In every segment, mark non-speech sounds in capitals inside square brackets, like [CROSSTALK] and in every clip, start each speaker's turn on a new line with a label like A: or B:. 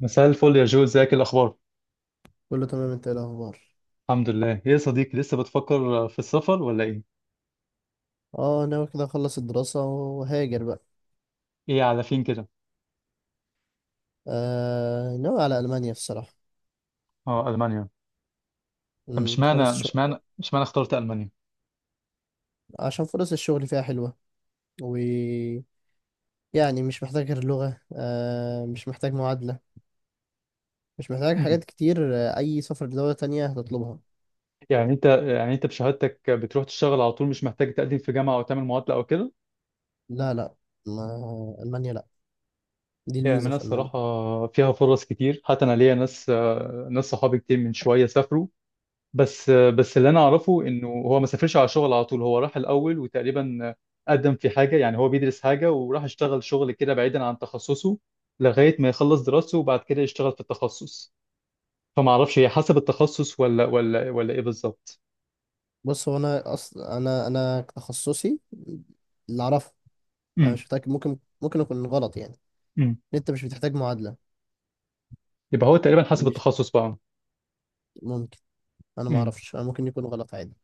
A: مساء الفل يا جو، ازيك؟ إيه الاخبار؟
B: كله تمام. انت ايه الاخبار؟
A: الحمد لله. ايه يا صديقي، لسه بتفكر في السفر ولا ايه؟
B: اه ناوي كده اخلص الدراسة وهاجر بقى.
A: ايه على فين كده؟
B: ناوي على المانيا الصراحة.
A: اه، المانيا. طب مش
B: فرص
A: معنى
B: الشغل.
A: مش معنى مش معنى اخترت المانيا؟
B: عشان فرص الشغل فيها حلوة، و يعني مش محتاج غير لغة، مش محتاج معادلة، مش محتاج
A: مم.
B: حاجات كتير. اي سفر لدولة تانية هتطلبها.
A: يعني انت بشهادتك بتروح تشتغل على طول، مش محتاج تقدم في جامعه او تعمل معادله او كده؟
B: لا لا، ما المانيا لا، دي
A: يعني
B: الميزة
A: المانيا
B: في المانيا.
A: الصراحه فيها فرص كتير، حتى انا ليا ناس، ناس صحابي كتير من شويه سافروا. بس اللي انا اعرفه انه هو ما سافرش على شغل على طول، هو راح الاول وتقريبا قدم في حاجه، يعني هو بيدرس حاجه وراح اشتغل شغل كده بعيدا عن تخصصه لغايه ما يخلص دراسته، وبعد كده يشتغل في التخصص. فما اعرفش هي حسب التخصص ولا ايه بالظبط.
B: بص، هو انا اصلا انا انا تخصصي اللي اعرفه، انا
A: امم.
B: مش متأكد، ممكن اكون غلط يعني، ان
A: امم.
B: انت مش بتحتاج معادلة.
A: يبقى هو تقريبا حسب
B: مش
A: التخصص بقى.
B: ممكن. انا ما
A: امم.
B: اعرفش، انا ممكن يكون غلط عادي.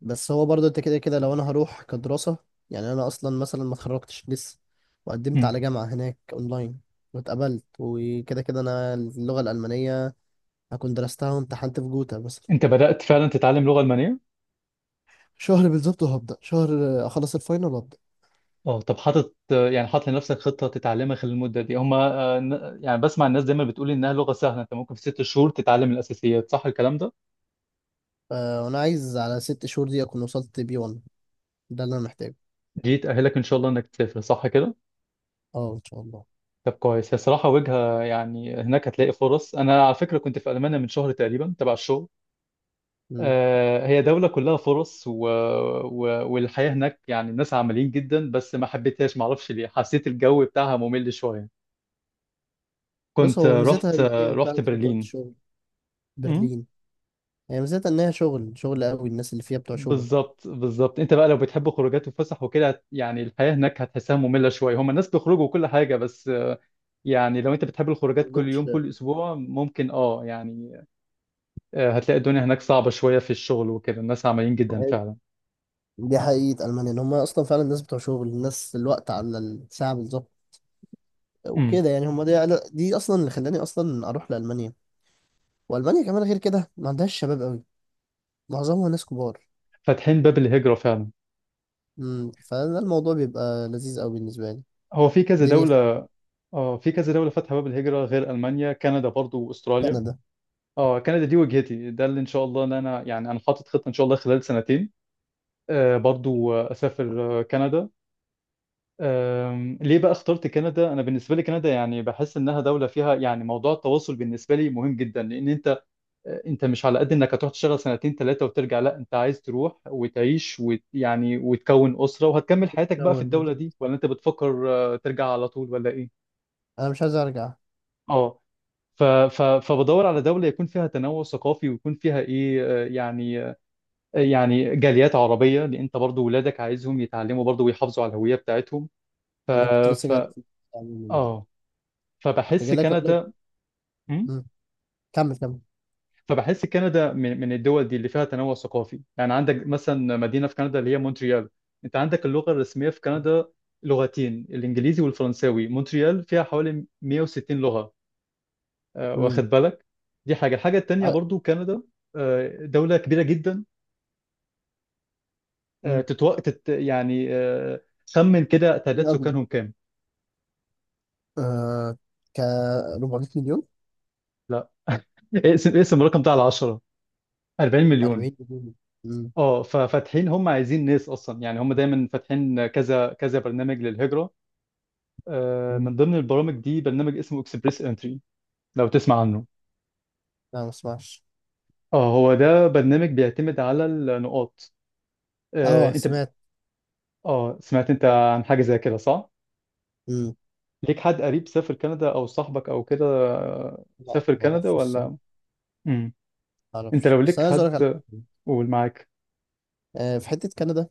B: بس هو برضه انت كده كده لو انا هروح كدراسة، يعني انا اصلا مثلا ما اتخرجتش لسه، وقدمت
A: امم.
B: على جامعة هناك اونلاين واتقبلت، وكده كده انا اللغة الألمانية هكون درستها وامتحنت في جوتا مثلا.
A: انت بدات فعلا تتعلم لغه المانيه؟
B: شهر بالظبط وهبدأ شهر. اخلص الفاينل وابدأ.
A: اه، طب حاطط لنفسك خطه تتعلمها خلال المده دي؟ هما يعني بسمع الناس دايما بتقول انها لغه سهله، انت ممكن في 6 شهور تتعلم الاساسيات، صح الكلام ده؟
B: وانا عايز على 6 شهور دي اكون وصلت بي 1، ده اللي انا محتاجه.
A: دي تأهلك إن شاء الله إنك تسافر صح كده؟
B: اه ان شاء الله.
A: طب كويس، هي صراحة وجهة، يعني هناك هتلاقي فرص. أنا على فكرة كنت في ألمانيا من شهر تقريبا تبع الشغل.
B: مم.
A: هي دولة كلها فرص، و... والحياة هناك يعني الناس عمليين جدا، بس ما حبيتهاش، معرفش ليه، حسيت الجو بتاعها ممل شوية.
B: بص،
A: كنت
B: هو ميزتها
A: رحت
B: ان هي فعلا
A: رحت
B: زي ما أنت قلت
A: برلين.
B: شغل.
A: أمم.
B: برلين. هي ميزتها ان هي شغل، شغل قوي، الناس اللي فيها بتوع شغل.
A: بالظبط بالظبط، انت بقى لو بتحب خروجات وفسح وكده يعني الحياة هناك هتحسها مملة شوية، هما الناس بيخرجوا وكل حاجة، بس يعني لو انت بتحب
B: ما
A: الخروجات كل يوم
B: عندهمش.
A: كل اسبوع ممكن يعني. هتلاقي الدنيا هناك صعبة شوية في الشغل وكده، الناس عمليين جدا فعلا.
B: دي حقيقة ألمانيا، إن هم أصلا فعلا الناس بتوع شغل، الناس الوقت على الساعة بالظبط
A: امم.
B: وكده. يعني هم دي، دي أصلا اللي خلاني أصلا أروح لألمانيا. وألمانيا كمان غير كده ما عندهاش شباب أوي، معظمها ناس كبار.
A: فاتحين باب الهجرة فعلا.
B: امم. فده الموضوع بيبقى لذيذ أوي بالنسبة لي.
A: هو في كذا
B: دنيا
A: دولة
B: سهلة.
A: اه في كذا دولة فاتحة باب الهجرة غير المانيا، كندا برضو واستراليا.
B: كندا.
A: اه، كندا دي وجهتي، ده اللي ان شاء الله ان انا، يعني انا حاطط خطة ان شاء الله خلال سنتين برضو اسافر كندا. ليه بقى اخترت كندا؟ انا بالنسبه لي كندا يعني بحس انها دوله فيها، يعني موضوع التواصل بالنسبه لي مهم جدا، لان انت مش على قد انك هتروح تشتغل سنتين ثلاثة وترجع، لا انت عايز تروح وتعيش يعني وتكون أسرة وهتكمل حياتك بقى في
B: أول
A: الدولة
B: دي.
A: دي، ولا انت بتفكر ترجع على طول ولا ايه؟
B: أنا مش عايز أرجع.
A: اه. فبدور على دولة يكون فيها تنوع ثقافي ويكون فيها ايه، يعني جاليات عربية، لان انت برضو ولادك عايزهم يتعلموا برضو ويحافظوا على الهوية بتاعتهم. ف...
B: أنا كنت لسه جاي لك
A: ف...
B: في البتاع.
A: اه
B: كنت
A: فبحس
B: جاي لك أقول لك.
A: كندا. م؟
B: أمم، كمل كمل.
A: فبحس كندا من الدول دي اللي فيها تنوع ثقافي، يعني عندك مثلا مدينة في كندا اللي هي مونتريال. انت عندك اللغة الرسمية في كندا لغتين، الانجليزي والفرنساوي. مونتريال فيها حوالي 160 لغة، واخد
B: امم
A: بالك. دي حاجة. الحاجة التانية
B: ع-
A: برضو كندا دولة كبيرة جدا. آه،
B: امم.
A: تتو... تت... يعني آه، خمن كده تعداد
B: إيه أكبر؟
A: سكانهم كام.
B: آه ك 400 مليون.
A: لا [LAUGHS] اقسم اقسم الرقم ده على 10، 40 مليون.
B: 40 مليون. امم.
A: اه، ففاتحين، هم عايزين ناس اصلا، يعني هم دايما فاتحين كذا كذا برنامج للهجرة.
B: امم.
A: من ضمن البرامج دي برنامج اسمه اكسبريس انتري، لو تسمع عنه.
B: لا، ما اسمعش.
A: اه، هو ده برنامج بيعتمد على النقاط. آه،
B: اه،
A: انت ب...
B: سمعت.
A: اه، سمعت انت عن حاجة زي كده صح؟
B: امم.
A: ليك حد قريب سافر كندا او صاحبك او كده
B: لا،
A: سافر
B: ما
A: كندا
B: اعرفش
A: ولا؟
B: الصراحه.
A: مم.
B: ما
A: انت
B: اعرفش،
A: لو
B: بس
A: ليك
B: انا عايز اقول لك على
A: حد
B: حاجه.
A: قول معاك.
B: في حته كندا،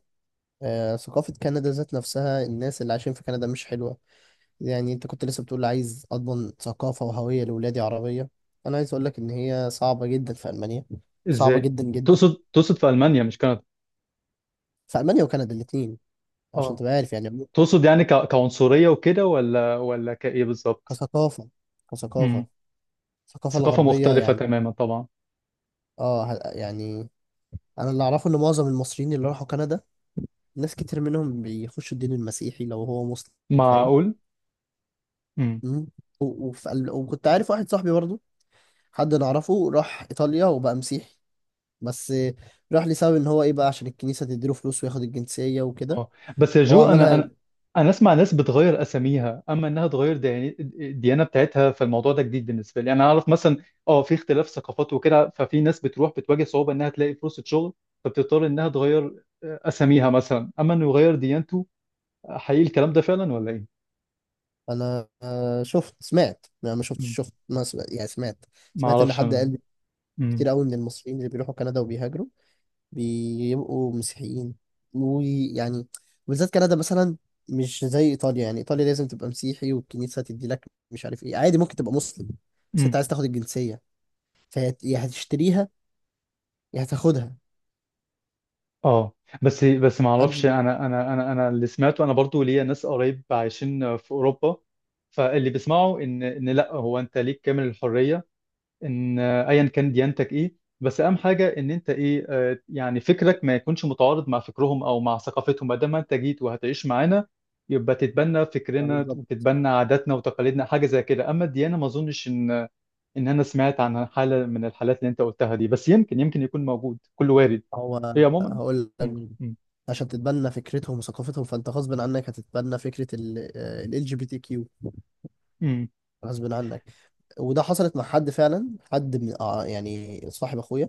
B: ثقافه كندا ذات نفسها، الناس اللي عايشين في كندا مش حلوه. يعني انت كنت لسه بتقول عايز اضمن ثقافه وهويه لاولادي عربيه. انا عايز اقول لك ان هي صعبه جدا في المانيا، صعبه
A: ازاي؟
B: جدا جدا.
A: تقصد في المانيا مش كندا؟
B: في المانيا وكندا الاثنين، عشان
A: اه.
B: تبقى عارف يعني.
A: تقصد يعني كعنصرية وكده ولا كايه بالظبط؟
B: كثقافه
A: مم.
B: كثقافه الثقافه
A: ثقافة
B: الغربيه
A: مختلفة
B: يعني.
A: تماما طبعا.
B: اه يعني. انا اللي اعرفه ان معظم المصريين اللي راحوا كندا، ناس كتير منهم بيخشوا الدين المسيحي لو هو مسلم. فاهم.
A: معقول؟
B: مم. و- وف- وكنت عارف واحد صاحبي برضه، حد نعرفه راح إيطاليا وبقى مسيحي. بس راح لسبب ان هو ايه بقى، عشان الكنيسة تديله فلوس وياخد الجنسية وكده.
A: اه. بس يا
B: هو
A: جو، انا
B: عملها.
A: انا انا اسمع ناس بتغير اساميها اما انها تغير الديانه بتاعتها، فالموضوع ده جديد بالنسبه لي. يعني انا اعرف مثلا اه في اختلاف ثقافات وكده، ففي ناس بتروح بتواجه صعوبه انها تلاقي فرصه شغل فبتضطر انها تغير اساميها مثلا اما انه يغير ديانته. حقيقي الكلام ده فعلا ولا ايه؟
B: انا شفت، سمعت، انا ما شفتش،
A: مم.
B: شفت، ما سمعت يعني، سمعت.
A: ما
B: سمعت ان
A: اعرفش
B: حد
A: انا.
B: قال
A: مم.
B: كتير قوي من المصريين اللي بيروحوا كندا وبيهاجروا بيبقوا مسيحيين. ويعني بالذات كندا مثلا، مش زي ايطاليا. يعني ايطاليا لازم تبقى مسيحي والكنيسه تدي لك مش عارف ايه. عادي ممكن تبقى مسلم، بس
A: مم.
B: انت عايز تاخد الجنسيه، فيا يا هتشتريها يا هتاخدها.
A: اه. بس ما
B: محدش.
A: اعرفش انا اللي سمعته، انا برضو ليا ناس قريب عايشين في اوروبا. فاللي بيسمعوا ان لا، هو انت ليك كامل الحريه ان ايا كان ديانتك ايه، بس اهم حاجه ان انت ايه، يعني فكرك ما يكونش متعارض مع فكرهم او مع ثقافتهم، ما دام انت جيت وهتعيش معانا يبقى تتبنى
B: آه
A: فكرنا
B: بالظبط.
A: وتتبنى عاداتنا وتقاليدنا، حاجه زي كده. اما الديانه ما اظنش ان انا سمعت عن حاله من الحالات اللي انت قلتها دي، بس يمكن يكون موجود، كله وارد.
B: هو
A: هي عموما.
B: هقول لك
A: مم.
B: مين. عشان تتبنى فكرتهم وثقافتهم فانت غصب عنك هتتبنى فكره ال جي بي تي كيو،
A: مم.
B: غصب عنك. وده حصلت مع حد فعلا، حد من يعني صاحب اخويا،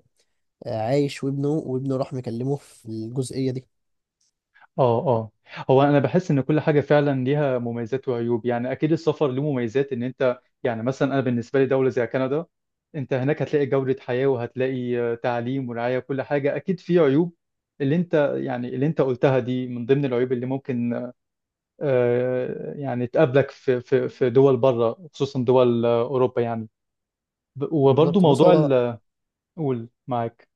B: عايش، وابنه راح مكلمه في الجزئيه دي.
A: اه. اه. هو انا بحس ان كل حاجه فعلا ليها مميزات وعيوب، يعني اكيد السفر له مميزات ان انت، يعني مثلا انا بالنسبه لي دوله زي كندا، انت هناك هتلاقي جوده حياه، وهتلاقي تعليم ورعايه وكل حاجه. اكيد في عيوب، اللي انت يعني اللي انت قلتها دي من ضمن العيوب اللي ممكن يعني تقابلك في دول بره، خصوصا دول اوروبا يعني. وبرضو
B: بالظبط. بص،
A: موضوع
B: هو
A: قول معاك.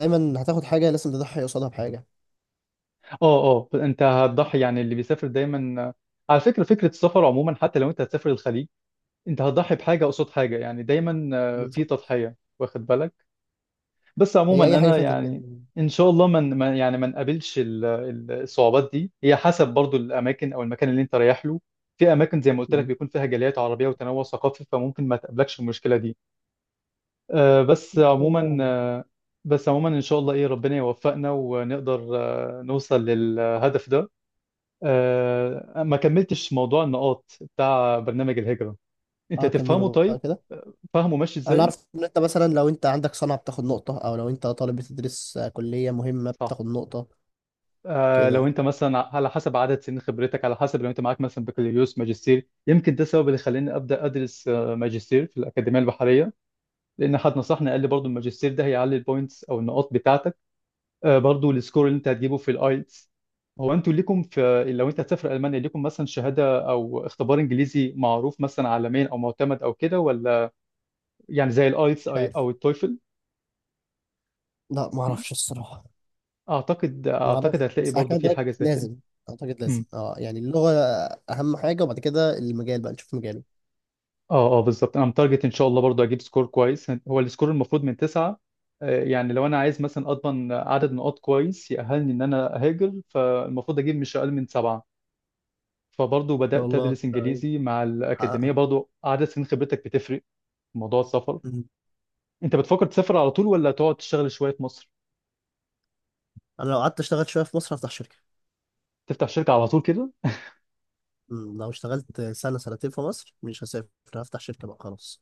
B: دايما هتاخد حاجة لازم تضحي قصادها بحاجة.
A: اه، اه، انت هتضحي يعني، اللي بيسافر دايما. على فكره، فكره السفر عموما حتى لو انت هتسافر الخليج انت هتضحي بحاجه قصاد حاجه، يعني دايما في
B: بالظبط.
A: تضحيه واخد بالك. بس عموما
B: هي أي حاجة
A: انا
B: فيها تضحية.
A: يعني ان شاء الله من يعني ما نقابلش الصعوبات دي، هي حسب برضو الاماكن او المكان اللي انت رايح له. في اماكن زي ما قلت لك
B: مم.
A: بيكون فيها جاليات عربيه وتنوع ثقافي فممكن ما تقابلكش المشكله دي. آه، بس
B: إن شاء الله
A: عموما
B: يعني.
A: آه، بس عموما ان شاء الله ربنا يوفقنا ونقدر نوصل للهدف ده. ما كملتش موضوع النقاط بتاع برنامج الهجره، انت
B: أه
A: تفهمه
B: كملوا بقى
A: طيب؟
B: كده.
A: فاهمه ماشي
B: أنا
A: ازاي.
B: عارف إن أنت مثلا لو أنت عندك صنعة بتاخد نقطة، أو لو أنت طالب بتدرس كلية مهمة
A: صح.
B: بتاخد نقطة.
A: لو
B: كده.
A: انت مثلا على حسب عدد سنين خبرتك، على حسب لو انت معاك مثلا بكالوريوس ماجستير، يمكن ده السبب اللي خلاني ابدا ادرس ماجستير في الاكاديميه البحريه، لان حد نصحني قال لي برضو الماجستير ده هيعلي البوينتس او النقاط بتاعتك. برضو السكور اللي انت هتجيبه في الايلتس. هو انتوا ليكم، في لو انت هتسافر المانيا ليكم مثلا شهاده او اختبار انجليزي معروف مثلا عالميا او معتمد او كده ولا، يعني زي الايلتس
B: مش عارف.
A: او التويفل؟
B: لا ما أعرفش الصراحة.
A: اعتقد
B: ما
A: اعتقد
B: أعرفش،
A: هتلاقي
B: بس على
A: برضو
B: كده
A: في
B: ده
A: حاجه زي كده.
B: لازم، أعتقد لازم،
A: مم.
B: أه يعني اللغة أهم حاجة، وبعد كده المجال بقى نشوف مجاله إن
A: اه، اه، بالظبط انا متارجت ان شاء الله برضو اجيب سكور كويس. هو السكور المفروض من 9، يعني لو انا عايز مثلا اضمن عدد نقاط كويس يأهلني ان انا اهاجر فالمفروض اجيب مش اقل من 7، فبرضو
B: شاء
A: بدأت
B: الله
A: ادرس
B: كده إيه،
A: انجليزي مع
B: حققها.
A: الاكاديمية. برضو عدد سنين خبرتك بتفرق في موضوع السفر.
B: مم.
A: انت بتفكر تسافر على طول ولا تقعد تشتغل شوية في مصر؟
B: أنا لو قعدت أشتغل شوية في مصر هفتح شركة.
A: تفتح شركة على طول كده؟
B: مم، لو اشتغلت سنة سنتين في مصر مش هسافر، هفتح شركة بقى خلاص.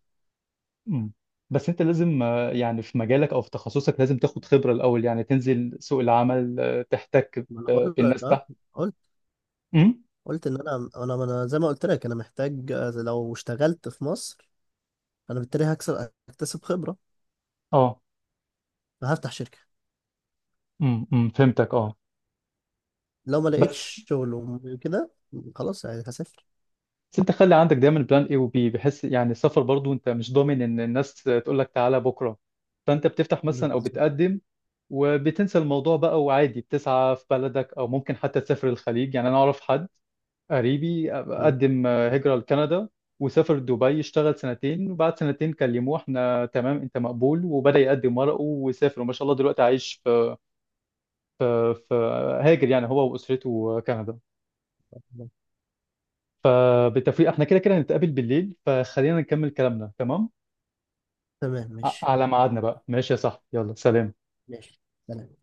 A: مم. بس انت لازم يعني في مجالك او في تخصصك لازم تاخد خبرة الاول، يعني تنزل سوق العمل تحتك
B: ما انا بقول لك
A: بالناس
B: اه.
A: تحت.
B: قلت
A: مم.
B: قلت ان انا زي ما قلت لك انا محتاج، لو اشتغلت في مصر انا بالتالي هكسب، اكتسب خبرة،
A: اه،
B: فهفتح شركة.
A: امم، أمم، فهمتك، اه.
B: لو ما
A: بس
B: لقيتش شغل وكده خلاص يعني هسافر.
A: بس انت خلي عندك دايما بلان اي وبي، بحيث يعني السفر برضو انت مش ضامن ان الناس تقول لك تعالى بكره، فانت بتفتح مثلا او
B: بالظبط.
A: بتقدم وبتنسى الموضوع بقى، وعادي بتسعى في بلدك او ممكن حتى تسافر الخليج. يعني انا اعرف حد قريبي
B: مم.
A: قدم هجرة لكندا وسافر دبي، اشتغل سنتين، وبعد سنتين كلموه احنا تمام انت مقبول، وبدأ يقدم ورقه وسافر وما شاء الله دلوقتي عايش في في في هاجر يعني هو واسرته كندا. فبالتوفيق، احنا كده كده هنتقابل بالليل فخلينا نكمل كلامنا، تمام.
B: تمام ماشي.
A: على ميعادنا بقى ماشي يا صاحبي، يلا سلام.
B: ماشي، سلام.